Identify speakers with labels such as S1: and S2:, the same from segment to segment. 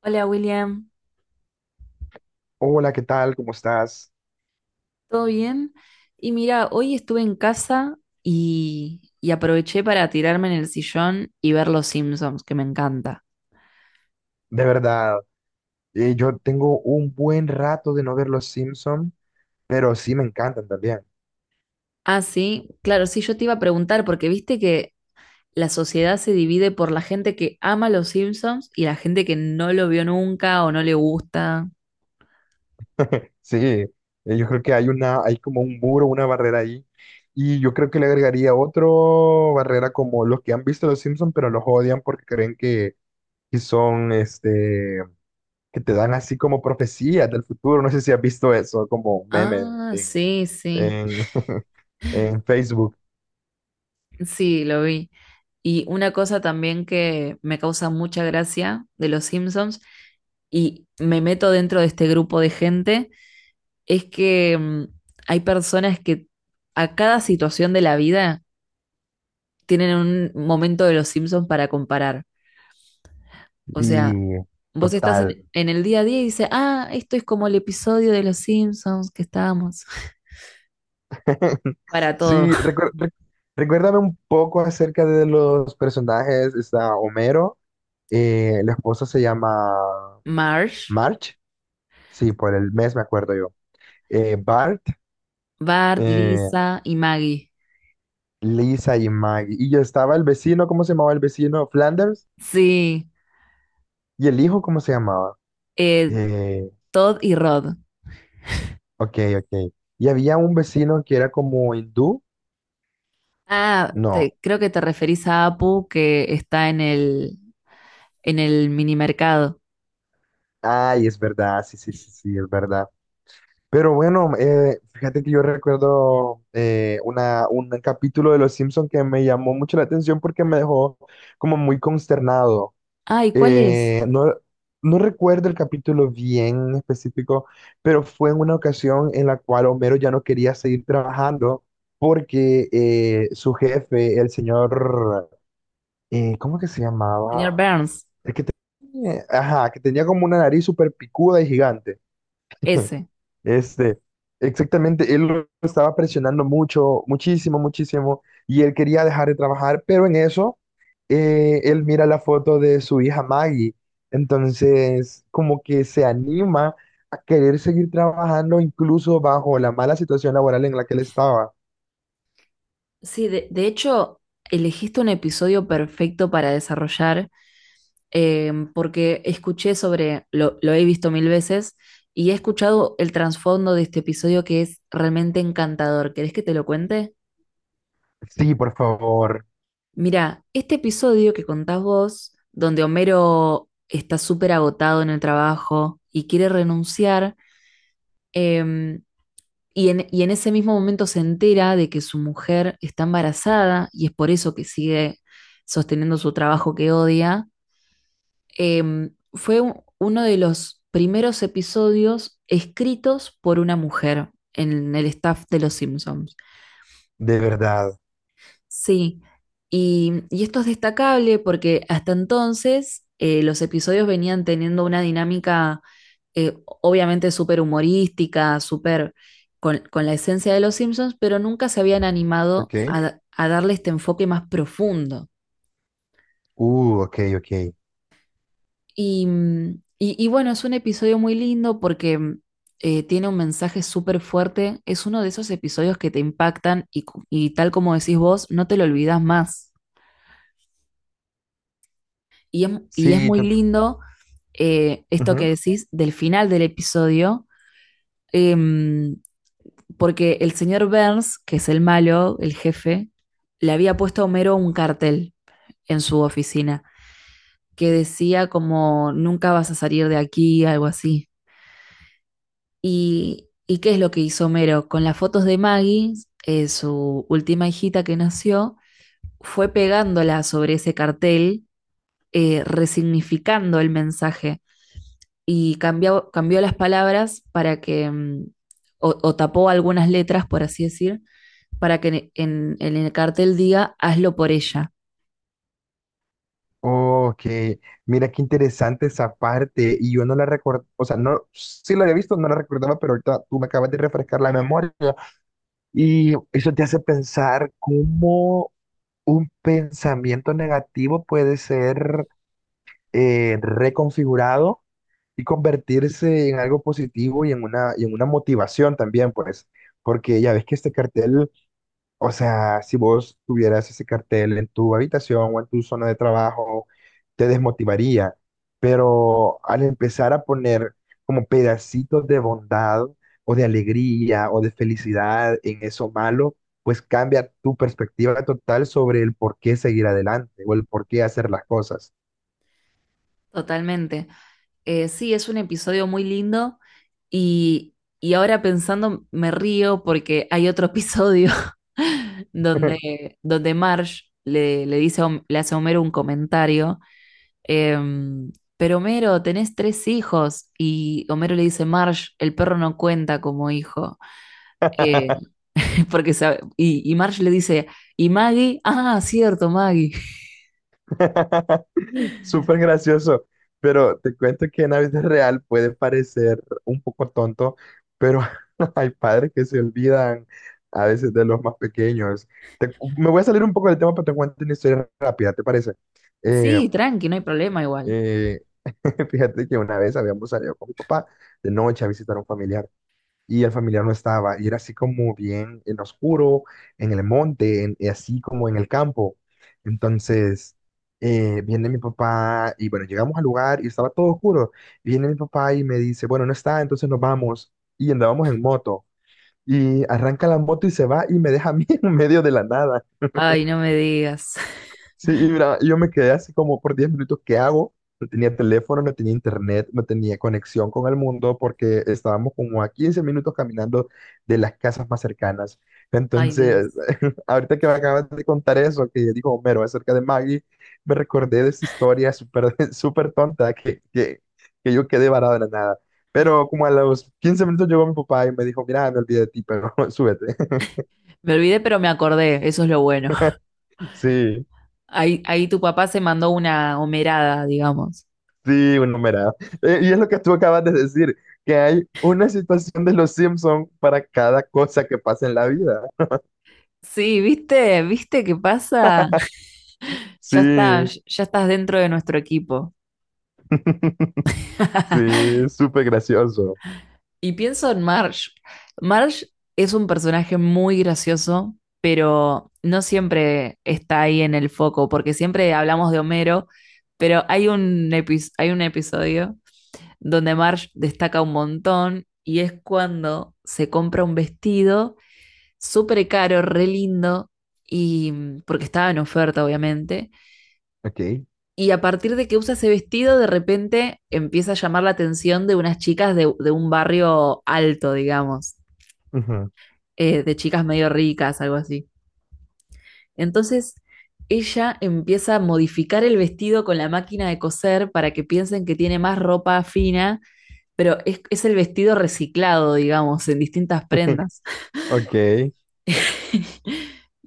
S1: Hola William,
S2: Hola, ¿qué tal? ¿Cómo estás?
S1: ¿todo bien? Y mira, hoy estuve en casa y aproveché para tirarme en el sillón y ver Los Simpsons, que me encanta.
S2: De verdad, yo tengo un buen rato de no ver los Simpson, pero sí me encantan también.
S1: Ah, sí, claro, sí, yo te iba a preguntar, porque viste que la sociedad se divide por la gente que ama Los Simpsons y la gente que no lo vio nunca o no le gusta.
S2: Sí, yo creo que hay una, hay como un muro, una barrera ahí, y yo creo que le agregaría otro barrera como los que han visto los Simpson, pero los odian porque creen que, que son, que te dan así como profecías del futuro. No sé si has visto eso como meme
S1: Ah,
S2: en,
S1: sí, sí,
S2: en, en Facebook.
S1: sí, lo vi. Y una cosa también que me causa mucha gracia de Los Simpsons, y me meto dentro de este grupo de gente, es que hay personas que a cada situación de la vida tienen un momento de los Simpsons para comparar. O
S2: Sí,
S1: sea, vos estás
S2: total.
S1: en el día a día y dices, ah, esto es como el episodio de los Simpsons que estábamos. Para todo.
S2: Sí, recuérdame un poco acerca de los personajes. Está Homero, la esposa se llama
S1: Marge,
S2: March, sí, por el mes me acuerdo yo. Bart,
S1: Bart,
S2: eh,
S1: Lisa y Maggie.
S2: Lisa y Maggie. Y yo estaba el vecino, ¿cómo se llamaba el vecino? Flanders.
S1: Sí,
S2: ¿Y el hijo cómo se llamaba?
S1: eh,
S2: Eh,
S1: Todd y Rod.
S2: ok, ok. Y había un vecino que era como hindú.
S1: Ah,
S2: No.
S1: creo que te referís a Apu que está en en el mini mercado.
S2: Ay, es verdad, sí, sí, sí, sí, es verdad. Pero bueno, fíjate que yo recuerdo un capítulo de Los Simpson que me llamó mucho la atención porque me dejó como muy consternado.
S1: Ay, ¿cuál es?
S2: No, no recuerdo el capítulo bien específico, pero fue en una ocasión en la cual Homero ya no quería seguir trabajando porque su jefe, el señor, ¿cómo que se
S1: Señor
S2: llamaba?
S1: Burns,
S2: El que tenía, ajá, que tenía como una nariz súper picuda y gigante.
S1: ese.
S2: Este, exactamente, él lo estaba presionando mucho, muchísimo, muchísimo, y él quería dejar de trabajar, pero en eso, él mira la foto de su hija Maggie, entonces como que se anima a querer seguir trabajando incluso bajo la mala situación laboral en la que él estaba.
S1: Sí, de hecho, elegiste un episodio perfecto para desarrollar, porque escuché lo he visto mil veces, y he escuchado el trasfondo de este episodio que es realmente encantador. ¿Querés que te lo cuente?
S2: Sí, por favor,
S1: Mira, este episodio que contás vos, donde Homero está súper agotado en el trabajo y quiere renunciar, em, y y en ese mismo momento se entera de que su mujer está embarazada y es por eso que sigue sosteniendo su trabajo que odia. Em, uno de los primeros episodios escritos por una mujer en el staff de Los Simpsons.
S2: de verdad,
S1: Sí, y esto es destacable porque hasta entonces los episodios venían teniendo una dinámica obviamente súper humorística, súper con la esencia de los Simpsons, pero nunca se habían animado
S2: ok,
S1: a darle este enfoque más profundo.
S2: ok, ok,
S1: Y, y bueno, es un episodio muy lindo porque tiene un mensaje súper fuerte, es uno de esos episodios que te impactan y, y tal como decís vos, no te lo olvidas más. Y es, y es
S2: sí,
S1: muy lindo esto que decís del final del episodio, em, porque el señor Burns, que es el malo, el jefe, le había puesto a Homero un cartel en su oficina que decía como nunca vas a salir de aquí, algo así. Y qué es lo que hizo Homero? Con las fotos de Maggie, su última hijita que nació, fue pegándola sobre ese cartel, resignificando el mensaje y cambió las palabras para que, o tapó algunas letras, por así decir, para que en el cartel diga, hazlo por ella.
S2: ok, mira qué interesante esa parte y yo no la recuerdo, o sea, no, sí la había visto, no la recordaba, pero ahorita tú me acabas de refrescar la memoria y eso te hace pensar cómo un pensamiento negativo puede ser reconfigurado y convertirse en algo positivo y y en una motivación también, pues, porque ya ves que este cartel, o sea, si vos tuvieras ese cartel en tu habitación o en tu zona de trabajo, te desmotivaría. Pero al empezar a poner como pedacitos de bondad o de alegría o de felicidad en eso malo, pues cambia tu perspectiva total sobre el por qué seguir adelante o el por qué hacer las cosas.
S1: Totalmente. Sí, es un episodio muy lindo y, y ahora pensando me río porque hay otro episodio donde Marge le dice, le hace a Homero un comentario, em, pero Homero, tenés tres hijos y Homero le dice, Marge, el perro no cuenta como hijo. Eh, Y Marge le dice, ¿y Maggie? Ah, cierto, Maggie.
S2: Súper gracioso, pero te cuento que en la vida real puede parecer un poco tonto, pero hay padres que se olvidan a veces de los más pequeños. Te me voy a salir un poco del tema, pero te cuento una historia rápida, ¿te parece? Eh,
S1: Sí, tranqui, no hay problema igual.
S2: eh, fíjate que una vez habíamos salido con mi papá de noche a visitar a un familiar y el familiar no estaba. Y era así como bien en oscuro, en el monte, y así como en el campo. Entonces, viene mi papá y bueno, llegamos al lugar y estaba todo oscuro. Viene mi papá y me dice, bueno, no está, entonces nos vamos. Y andábamos en moto. Y arranca la moto y se va y me deja a mí en medio de la nada.
S1: Ay, no me digas.
S2: Sí, y mira, yo me quedé así como por 10 minutos, ¿qué hago? No tenía teléfono, no tenía internet, no tenía conexión con el mundo porque estábamos como a 15 minutos caminando de las casas más cercanas.
S1: Ay,
S2: Entonces,
S1: Dios.
S2: ahorita que me acabas de contar eso, que dijo Homero acerca de Maggie, me recordé de esa historia súper súper tonta que yo quedé varado en la nada. Pero como a los 15 minutos llegó mi papá y me dijo, mira, me olvidé de ti, pero súbete.
S1: Me olvidé, pero me acordé, eso es lo bueno.
S2: Sí.
S1: Ahí tu papá se mandó una homerada, digamos.
S2: Sí, un numerado. Y es lo que tú acabas de decir, que hay una situación de los Simpson para cada cosa que pasa en la vida.
S1: Sí, ¿viste? ¿Viste qué pasa? Ya está,
S2: Sí,
S1: ya estás dentro de nuestro equipo.
S2: sí, súper gracioso.
S1: Y pienso en Marge. Marge es un personaje muy gracioso, pero no siempre está ahí en el foco, porque siempre hablamos de Homero, pero hay un, hay un episodio donde Marge destaca un montón y es cuando se compra un vestido súper caro, re lindo, y porque estaba en oferta, obviamente.
S2: Ok.
S1: Y a partir de que usa ese vestido, de repente empieza a llamar la atención de unas chicas de un barrio alto, digamos.
S2: Ujú,
S1: Eh, de chicas medio ricas, algo así. Entonces, ella empieza a modificar el vestido con la máquina de coser para que piensen que tiene más ropa fina, pero es el vestido reciclado, digamos, en distintas prendas.
S2: ok.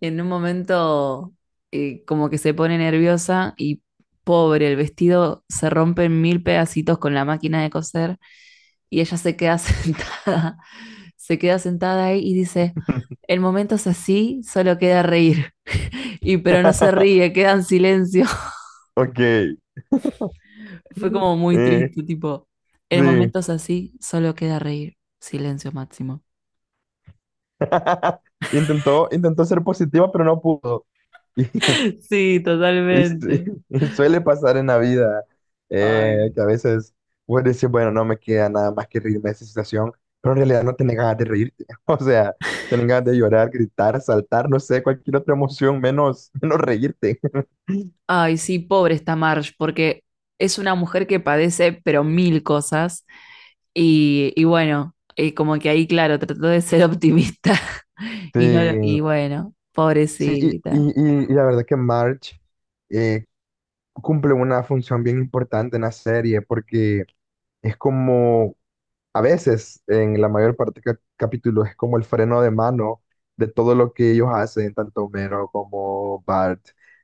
S1: Y en un momento, como que se pone nerviosa y pobre, el vestido se rompe en mil pedacitos con la máquina de coser y ella se queda sentada, se queda sentada ahí y dice, el momento es así, solo queda reír. Y pero no se ríe, queda en silencio.
S2: Ok.
S1: Fue como muy
S2: Eh,
S1: triste, tipo, en
S2: sí.
S1: momentos así solo queda reír. Silencio máximo.
S2: Intentó ser positiva, pero no pudo.
S1: Sí,
S2: Y sí,
S1: totalmente.
S2: y suele pasar en la vida,
S1: Ay.
S2: que a veces vos decís, bueno, no me queda nada más que reírme de esa situación, pero en realidad no tenés ganas de reírte. O sea, tenés ganas de llorar, gritar, saltar, no sé, cualquier otra emoción menos, menos reírte.
S1: Ay, sí, pobre esta Marge, porque es una mujer que padece, pero mil cosas. Y bueno, y como que ahí, claro, trató de ser optimista.
S2: Sí,
S1: Y no, y bueno,
S2: sí,
S1: pobrecita.
S2: y la verdad que Marge, eh, cumple una función bien importante en la serie porque es como, a veces, en la mayor parte de capítulos, es como el freno de mano de todo lo que ellos hacen, tanto Homero como Bart,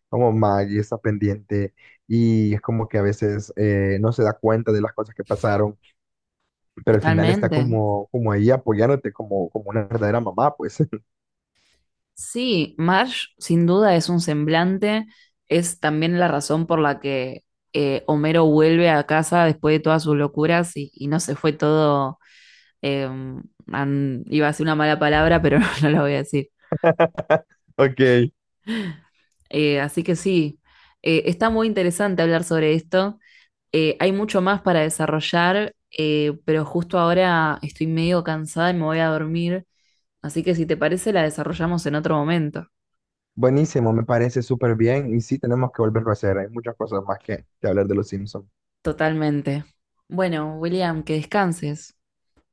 S2: como Maggie está pendiente, y es como que a veces, no se da cuenta de las cosas que pasaron, pero al final está
S1: Totalmente.
S2: como ahí apoyándote como una verdadera mamá, pues.
S1: Sí, Marge sin duda es un semblante, es también la razón por la que Homero vuelve a casa después de todas sus locuras y no se fue todo, eh, iba a decir una mala palabra, pero no la voy a decir.
S2: Ok,
S1: Así que sí, está muy interesante hablar sobre esto. Hay mucho más para desarrollar, pero justo ahora estoy medio cansada y me voy a dormir, así que si te parece la desarrollamos en otro momento.
S2: buenísimo, me parece súper bien y sí, tenemos que volverlo a hacer. Hay muchas cosas más que hablar de los Simpsons.
S1: Totalmente. Bueno, William, que descanses.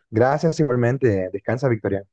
S2: Gracias igualmente, descansa, Victoria.